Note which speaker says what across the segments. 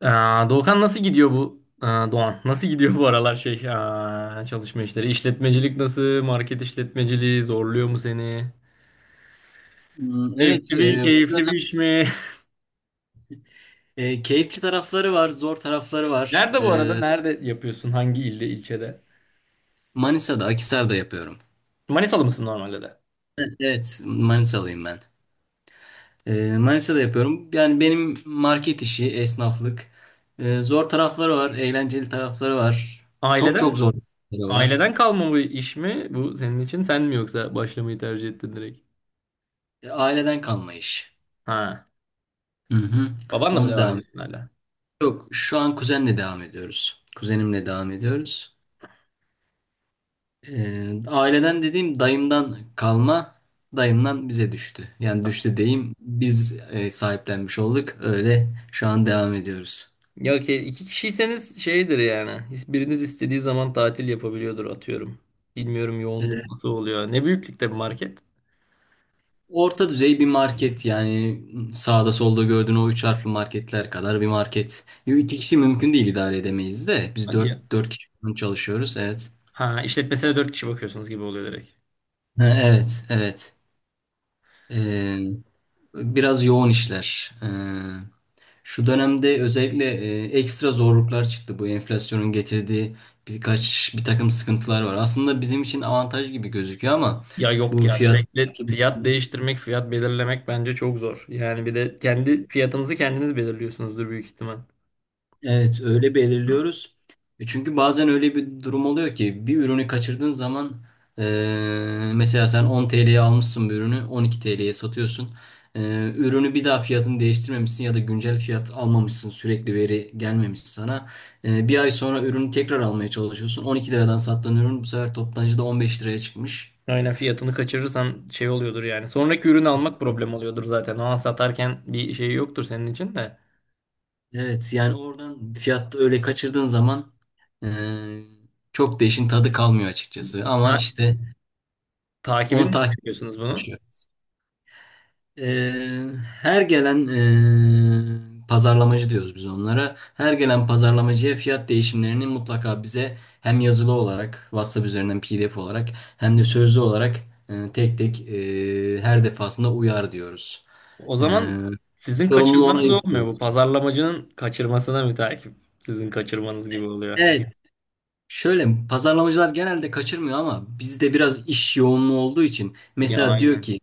Speaker 1: Doğukan nasıl gidiyor bu? Doğan nasıl gidiyor bu aralar şey çalışma işleri? İşletmecilik nasıl? Market işletmeciliği zorluyor mu seni?
Speaker 2: Evet,
Speaker 1: Zevkli bir, keyifli bir iş mi?
Speaker 2: keyifli tarafları var, zor tarafları var.
Speaker 1: Nerede bu arada? Nerede yapıyorsun? Hangi ilde, ilçede?
Speaker 2: Manisa'da, Akhisar'da yapıyorum.
Speaker 1: Manisalı mısın normalde de?
Speaker 2: Evet, Manisalıyım ben. Manisa'da yapıyorum. Yani benim market işi, esnaflık. Zor tarafları var, eğlenceli tarafları var. Çok çok
Speaker 1: Aileden,
Speaker 2: zor tarafları var.
Speaker 1: aileden kalma bu iş mi? Bu senin için sen mi yoksa başlamayı tercih ettin direkt?
Speaker 2: Aileden kalma iş.
Speaker 1: Ha.
Speaker 2: Hı hı.
Speaker 1: Babanla mı
Speaker 2: Onu
Speaker 1: devam
Speaker 2: devam
Speaker 1: ediyorsun hala?
Speaker 2: Yok, şu an kuzenle devam ediyoruz. Kuzenimle devam ediyoruz. Aileden dediğim dayımdan kalma, dayımdan bize düştü. Yani düştü diyeyim, biz sahiplenmiş olduk. Öyle şu an devam ediyoruz.
Speaker 1: Ya ki iki kişiyseniz şeydir yani. Biriniz istediği zaman tatil yapabiliyordur atıyorum. Bilmiyorum
Speaker 2: Ee,
Speaker 1: yoğunluk nasıl oluyor. Ne büyüklükte bir market?
Speaker 2: Orta düzey bir market, yani sağda solda gördüğün o üç harfli marketler kadar bir market. Yo, İki kişi mümkün değil, idare edemeyiz de. Biz
Speaker 1: Hadi
Speaker 2: dört,
Speaker 1: ya.
Speaker 2: dört kişi falan çalışıyoruz, evet.
Speaker 1: Ha, işletmesine dört kişi bakıyorsunuz gibi oluyor direkt.
Speaker 2: Ha, evet, evet. Ee, Biraz yoğun işler. Şu dönemde özellikle ekstra zorluklar çıktı. Bu enflasyonun getirdiği birkaç bir takım sıkıntılar var. Aslında bizim için avantaj gibi gözüküyor, ama
Speaker 1: Ya yok
Speaker 2: bu
Speaker 1: ya
Speaker 2: fiyat
Speaker 1: sürekli fiyat değiştirmek, fiyat belirlemek bence çok zor. Yani bir de kendi fiyatınızı kendiniz belirliyorsunuzdur büyük ihtimal.
Speaker 2: evet, öyle
Speaker 1: Hı.
Speaker 2: belirliyoruz. Çünkü bazen öyle bir durum oluyor ki bir ürünü kaçırdığın zaman, mesela sen 10 TL'ye almışsın, bir ürünü 12 TL'ye satıyorsun. E, Ürünü bir daha fiyatını değiştirmemişsin ya da güncel fiyat almamışsın, sürekli veri gelmemiş sana. Bir ay sonra ürünü tekrar almaya çalışıyorsun. 12 liradan sattığın ürün bu sefer toptancıda 15 liraya çıkmış.
Speaker 1: Aynen fiyatını kaçırırsan şey oluyordur yani. Sonraki ürünü almak problem oluyordur zaten. Ona satarken bir şey yoktur senin için de.
Speaker 2: Evet, yani oradan fiyatta öyle kaçırdığın zaman e, çok da işin tadı kalmıyor açıkçası. Ama
Speaker 1: Ha,
Speaker 2: işte onu
Speaker 1: takibini nasıl
Speaker 2: takip
Speaker 1: yapıyorsunuz bunun?
Speaker 2: ediyoruz. Eee, Her gelen pazarlamacı diyoruz biz onlara. Her gelen pazarlamacıya fiyat değişimlerini mutlaka bize hem yazılı olarak WhatsApp üzerinden PDF olarak hem de sözlü olarak, tek tek, her defasında uyar diyoruz.
Speaker 1: O
Speaker 2: Eee
Speaker 1: zaman sizin
Speaker 2: Sorumluluğu ona
Speaker 1: kaçırmanız olmuyor.
Speaker 2: yüklüyoruz.
Speaker 1: Bu pazarlamacının kaçırmasına müteakip. Sizin kaçırmanız gibi oluyor.
Speaker 2: Evet. Şöyle, pazarlamacılar genelde kaçırmıyor, ama bizde biraz iş yoğunluğu olduğu için
Speaker 1: Ya
Speaker 2: mesela diyor
Speaker 1: aynen.
Speaker 2: ki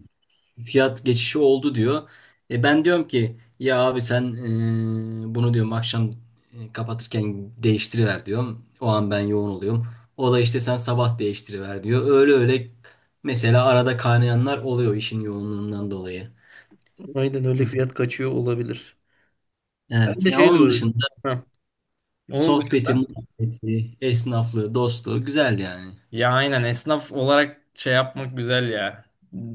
Speaker 2: fiyat geçişi oldu diyor. Ben diyorum ki ya abi sen, bunu diyorum akşam, kapatırken değiştiriver diyorum. O an ben yoğun oluyorum. O da işte sen sabah değiştiriver diyor. Öyle öyle mesela arada kaynayanlar oluyor işin yoğunluğundan dolayı.
Speaker 1: Aynen öyle
Speaker 2: Hı.
Speaker 1: fiyat kaçıyor olabilir. Ben
Speaker 2: Evet,
Speaker 1: de
Speaker 2: ya
Speaker 1: şeyle
Speaker 2: onun
Speaker 1: uğraşıyorum.
Speaker 2: dışında
Speaker 1: Heh. Onun
Speaker 2: sohbeti,
Speaker 1: dışında.
Speaker 2: muhabbeti, esnaflığı, dostluğu güzel yani.
Speaker 1: Ya aynen esnaf olarak şey yapmak güzel ya.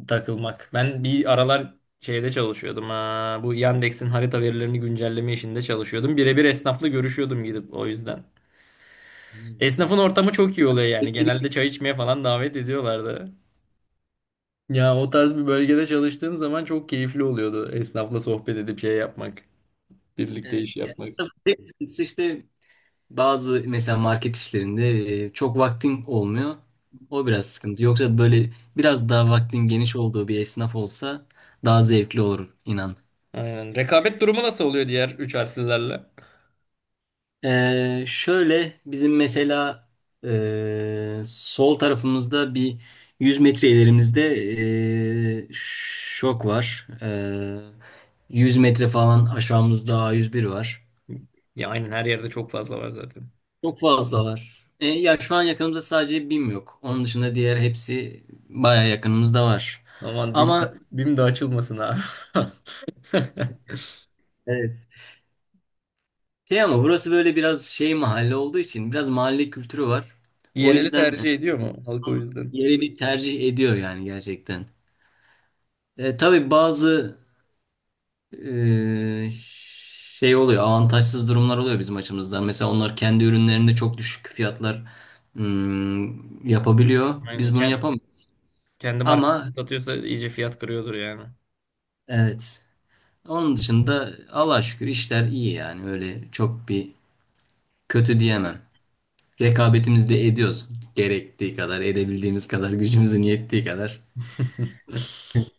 Speaker 1: Takılmak. Ben bir aralar şeyde çalışıyordum. Ha. Bu Yandex'in harita verilerini güncelleme işinde çalışıyordum. Birebir esnafla görüşüyordum gidip o yüzden. Esnafın
Speaker 2: Evet.
Speaker 1: ortamı çok iyi oluyor yani.
Speaker 2: Evet,
Speaker 1: Genelde çay içmeye falan davet ediyorlardı. Ya o tarz bir bölgede çalıştığım zaman çok keyifli oluyordu esnafla sohbet edip şey yapmak. Birlikte iş
Speaker 2: evet. Yani
Speaker 1: yapmak.
Speaker 2: esnafın tek sıkıntısı işte. Bazı mesela market işlerinde çok vaktin olmuyor. O biraz sıkıntı. Yoksa böyle biraz daha vaktin geniş olduğu bir esnaf olsa daha zevkli olur inan.
Speaker 1: Aynen. Rekabet durumu nasıl oluyor diğer üç harflilerle?
Speaker 2: Şöyle bizim mesela sol tarafımızda bir 100 metre ilerimizde şok var. 100 metre falan aşağımızda A101 var.
Speaker 1: Ya aynen her yerde çok fazla var zaten.
Speaker 2: Çok fazla var. Ya şu an yakınımızda sadece BİM yok. Onun dışında diğer hepsi baya yakınımızda var.
Speaker 1: Aman BİM de,
Speaker 2: Ama
Speaker 1: BİM de açılmasın ha.
Speaker 2: evet. Şey, ama burası böyle biraz şey mahalle olduğu için biraz mahalle kültürü var. O
Speaker 1: Yereli
Speaker 2: yüzden
Speaker 1: tercih ediyor mu halk o yüzden?
Speaker 2: yeri bir tercih ediyor yani gerçekten. Tabii bazı e, şey oluyor, avantajsız durumlar oluyor bizim açımızdan. Mesela onlar kendi ürünlerinde çok düşük fiyatlar yapabiliyor.
Speaker 1: Aynen.
Speaker 2: Biz bunu yapamıyoruz.
Speaker 1: Kendi
Speaker 2: Ama
Speaker 1: markasını satıyorsa iyice fiyat kırıyordur yani.
Speaker 2: evet. Onun dışında Allah'a şükür işler iyi yani, öyle çok bir kötü diyemem. Rekabetimizi de ediyoruz, gerektiği kadar, edebildiğimiz kadar, gücümüzün yettiği kadar.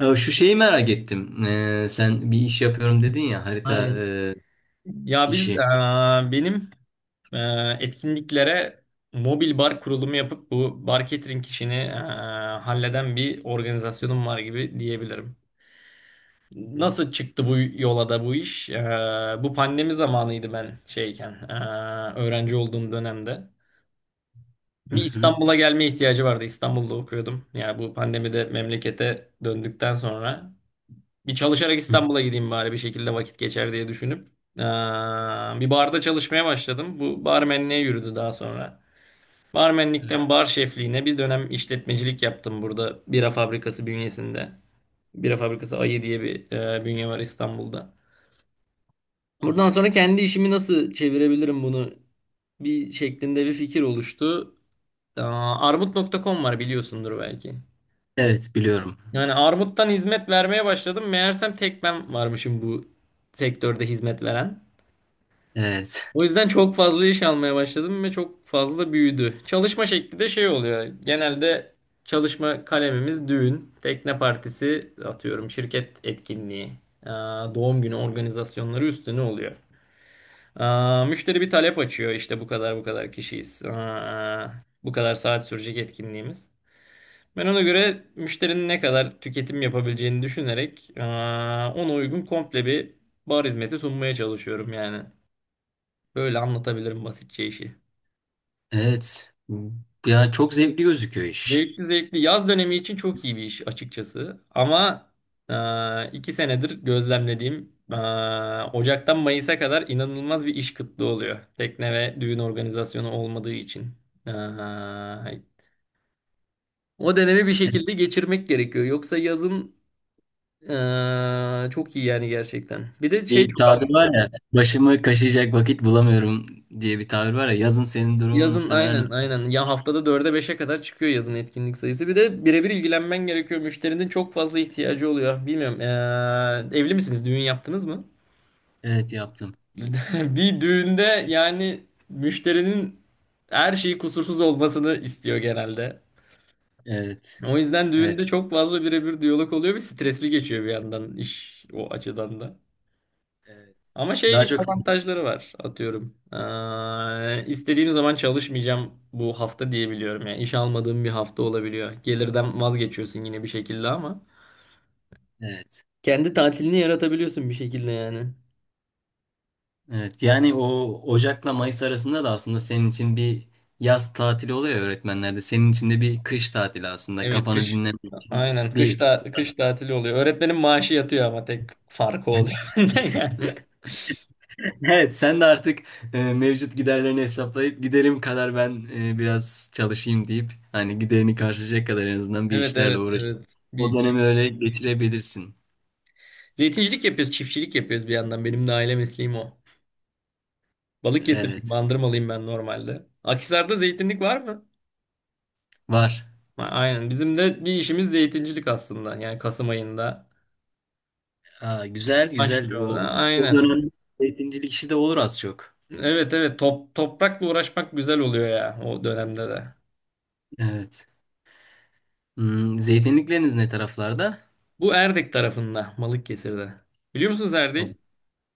Speaker 2: Ya şu şeyi merak ettim. Sen bir iş yapıyorum dedin ya, harita
Speaker 1: Aynen. Ya biz,
Speaker 2: işi.
Speaker 1: benim e, etkinliklere mobil bar kurulumu yapıp bu bar catering işini halleden bir organizasyonum var gibi diyebilirim. Nasıl çıktı bu yola da bu iş? Bu pandemi zamanıydı ben şeyken, öğrenci olduğum dönemde.
Speaker 2: Hı
Speaker 1: Bir
Speaker 2: hı.
Speaker 1: İstanbul'a gelme ihtiyacı vardı. İstanbul'da okuyordum. Yani bu pandemide memlekete döndükten sonra bir çalışarak
Speaker 2: Hı,
Speaker 1: İstanbul'a gideyim bari bir şekilde vakit geçer diye düşünüp e, bir barda çalışmaya başladım. Bu barmenliğe yürüdü daha sonra.
Speaker 2: evet,
Speaker 1: Barmenlikten bar şefliğine bir dönem işletmecilik yaptım burada bira fabrikası bünyesinde. Bira fabrikası Ayı diye bir bünye var İstanbul'da. Buradan
Speaker 2: anladım.
Speaker 1: sonra kendi işimi nasıl çevirebilirim bunu bir şeklinde bir fikir oluştu. Armut.com var biliyorsundur belki.
Speaker 2: Evet, biliyorum.
Speaker 1: Yani armuttan hizmet vermeye başladım. Meğersem tek ben varmışım bu sektörde hizmet veren.
Speaker 2: Evet.
Speaker 1: O yüzden çok fazla iş almaya başladım ve çok fazla büyüdü. Çalışma şekli de şey oluyor. Genelde çalışma kalemimiz düğün, tekne partisi atıyorum, şirket etkinliği, doğum günü organizasyonları üstüne oluyor. Müşteri bir talep açıyor işte bu kadar bu kadar kişiyiz. Bu kadar saat sürecek etkinliğimiz. Ben ona göre müşterinin ne kadar tüketim yapabileceğini düşünerek ona uygun komple bir bar hizmeti sunmaya çalışıyorum yani. Böyle anlatabilirim basitçe işi.
Speaker 2: Evet. Ya çok zevkli gözüküyor iş.
Speaker 1: Zevkli zevkli. Yaz dönemi için çok iyi bir iş açıkçası. Ama iki senedir gözlemlediğim Ocak'tan Mayıs'a kadar inanılmaz bir iş kıtlığı oluyor. Tekne ve düğün organizasyonu olmadığı için. E, O dönemi bir
Speaker 2: Evet,
Speaker 1: şekilde geçirmek gerekiyor. Yoksa yazın çok iyi yani gerçekten. Bir de şey.
Speaker 2: bir tabir var ya, başımı kaşıyacak vakit bulamıyorum diye bir tabir var ya. Yazın senin durumun
Speaker 1: Yazın
Speaker 2: muhtemelen
Speaker 1: aynen aynen ya haftada dörde beşe kadar çıkıyor yazın etkinlik sayısı. Bir de birebir ilgilenmen gerekiyor. Müşterinin çok fazla ihtiyacı oluyor. Bilmiyorum evli misiniz? Düğün yaptınız mı?
Speaker 2: evet, yaptım.
Speaker 1: Bir düğünde yani müşterinin her şeyi kusursuz olmasını istiyor genelde.
Speaker 2: Evet.
Speaker 1: O yüzden
Speaker 2: Evet.
Speaker 1: düğünde çok fazla birebir diyalog oluyor ve stresli geçiyor bir yandan iş o açıdan da.
Speaker 2: Evet.
Speaker 1: Ama şey
Speaker 2: Daha
Speaker 1: gibi
Speaker 2: çok,
Speaker 1: avantajları var atıyorum. İstediğim zaman çalışmayacağım bu hafta diyebiliyorum. Yani iş almadığım bir hafta olabiliyor. Gelirden vazgeçiyorsun yine bir şekilde ama.
Speaker 2: evet.
Speaker 1: Kendi tatilini yaratabiliyorsun bir şekilde yani.
Speaker 2: Evet. Yani, o Ocak'la Mayıs arasında da aslında senin için bir yaz tatili oluyor ya öğretmenlerde. Senin için de bir kış tatili aslında.
Speaker 1: Evet,
Speaker 2: Kafanı
Speaker 1: kış.
Speaker 2: dinlemek için
Speaker 1: Aynen,
Speaker 2: bir
Speaker 1: kış da
Speaker 2: fırsat.
Speaker 1: kış tatili oluyor. Öğretmenin maaşı yatıyor ama tek farkı oluyor. bende yani.
Speaker 2: Evet, sen de artık mevcut giderlerini hesaplayıp giderim kadar ben biraz çalışayım deyip, hani giderini karşılayacak kadar en azından bir
Speaker 1: Evet,
Speaker 2: işlerle
Speaker 1: evet,
Speaker 2: uğraşıp
Speaker 1: evet.
Speaker 2: o
Speaker 1: Bir şey,
Speaker 2: dönemi öyle geçirebilirsin.
Speaker 1: zeytincilik yapıyoruz, çiftçilik yapıyoruz bir yandan. Benim de aile mesleğim o. Balıkesirliyim,
Speaker 2: Evet.
Speaker 1: Bandırmalıyım ben normalde. Akhisar'da zeytinlik var mı?
Speaker 2: Var.
Speaker 1: A- aynen. Bizim de bir işimiz zeytincilik aslında. Yani Kasım ayında
Speaker 2: Aa, güzel güzel.
Speaker 1: başlıyor da.
Speaker 2: O
Speaker 1: Aynen.
Speaker 2: dönemde zeytincilik işi de olur, az çok.
Speaker 1: Evet, evet, toprakla uğraşmak güzel oluyor ya o dönemde de.
Speaker 2: Evet. Zeytinlikleriniz ne taraflarda?
Speaker 1: Bu Erdek tarafında Balıkesir'de. Biliyor musunuz
Speaker 2: O-
Speaker 1: Erdek'i?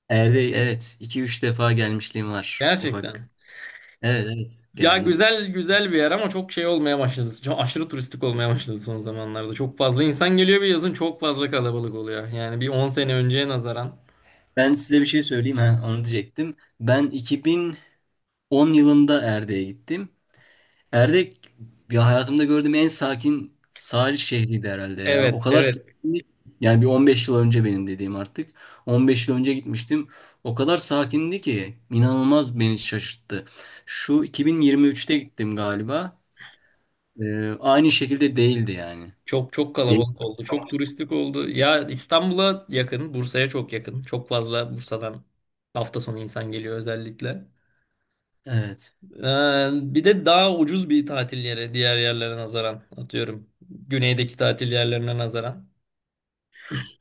Speaker 2: Erdek, evet. 2 üç defa gelmişliğim var, ufak.
Speaker 1: Gerçekten.
Speaker 2: Evet evet,
Speaker 1: Ya
Speaker 2: geldim.
Speaker 1: güzel güzel bir yer ama çok şey olmaya başladı. Çok aşırı turistik olmaya başladı son zamanlarda. Çok fazla insan geliyor bir yazın çok fazla kalabalık oluyor. Yani bir 10 sene önceye nazaran.
Speaker 2: Ben size bir şey söyleyeyim, ha onu diyecektim. Ben 2010 yılında Erdek'e gittim. Erdek, ya hayatımda gördüğüm en sakin sahil şehriydi herhalde ya. O
Speaker 1: Evet,
Speaker 2: kadar
Speaker 1: evet,
Speaker 2: sakindi. Yani bir 15 yıl önce benim dediğim artık. 15 yıl önce gitmiştim. O kadar sakindi ki inanılmaz beni şaşırttı. Şu 2023'te gittim galiba. Aynı şekilde değildi yani.
Speaker 1: çok çok
Speaker 2: Değil.
Speaker 1: kalabalık oldu. Çok turistik oldu. Ya İstanbul'a yakın, Bursa'ya çok yakın. Çok fazla Bursa'dan hafta sonu insan geliyor özellikle.
Speaker 2: Evet.
Speaker 1: Bir de daha ucuz bir tatil yeri diğer yerlere nazaran atıyorum. Güneydeki tatil yerlerine nazaran.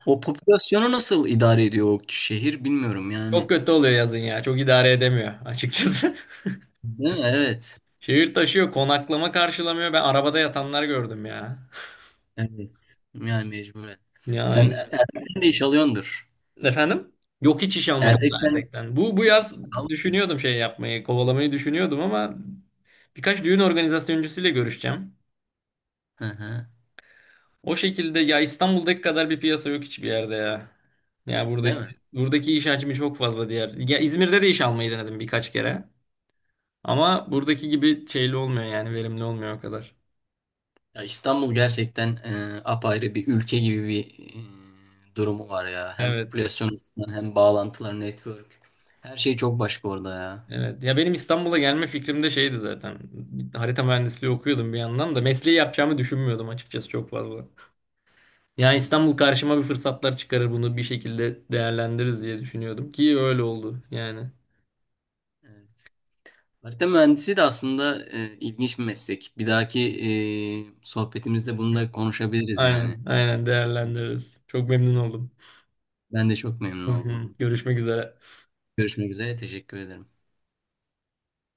Speaker 2: O popülasyonu nasıl idare ediyor o şehir bilmiyorum
Speaker 1: Çok
Speaker 2: yani.
Speaker 1: kötü oluyor yazın ya. Çok idare edemiyor açıkçası.
Speaker 2: Değil mi? Evet.
Speaker 1: Şehir taşıyor, konaklama karşılamıyor. Ben arabada yatanlar gördüm ya.
Speaker 2: Evet. Yani mecburen.
Speaker 1: Ya,
Speaker 2: Sen Erdek'ten de iş alıyordur.
Speaker 1: efendim? Yok, hiç iş almadım da
Speaker 2: Erdek'ten
Speaker 1: Erdek'ten. Bu, bu
Speaker 2: hiç
Speaker 1: yaz düşünüyordum şey yapmayı, kovalamayı düşünüyordum ama birkaç düğün organizasyoncusuyla görüşeceğim.
Speaker 2: Hı hı.
Speaker 1: O şekilde ya İstanbul'daki kadar bir piyasa yok hiçbir yerde ya. Ya
Speaker 2: Değil
Speaker 1: buradaki
Speaker 2: mi?
Speaker 1: buradaki iş hacmi çok fazla diğer. Ya İzmir'de de iş almayı denedim birkaç kere. Ama buradaki gibi şeyli olmuyor yani verimli olmuyor o kadar.
Speaker 2: Ya İstanbul gerçekten apayrı bir ülke gibi bir durumu var ya. Hem
Speaker 1: Evet.
Speaker 2: popülasyon açısından, hem bağlantılar, network. Her şey çok başka orada ya.
Speaker 1: Evet. Ya benim İstanbul'a gelme fikrim de şeydi zaten. Harita mühendisliği okuyordum bir yandan da mesleği yapacağımı düşünmüyordum açıkçası çok fazla. Yani İstanbul
Speaker 2: Evet.
Speaker 1: karşıma bir fırsatlar çıkarır bunu bir şekilde değerlendiririz diye düşünüyordum ki öyle oldu yani.
Speaker 2: Evet. Harita mühendisi de aslında ilginç bir meslek. Bir dahaki sohbetimizde bunu da konuşabiliriz yani.
Speaker 1: Aynen, aynen değerlendiririz. Çok memnun oldum.
Speaker 2: Ben de çok memnun
Speaker 1: Hı
Speaker 2: oldum.
Speaker 1: hı. Görüşmek üzere.
Speaker 2: Görüşmek üzere. Teşekkür ederim.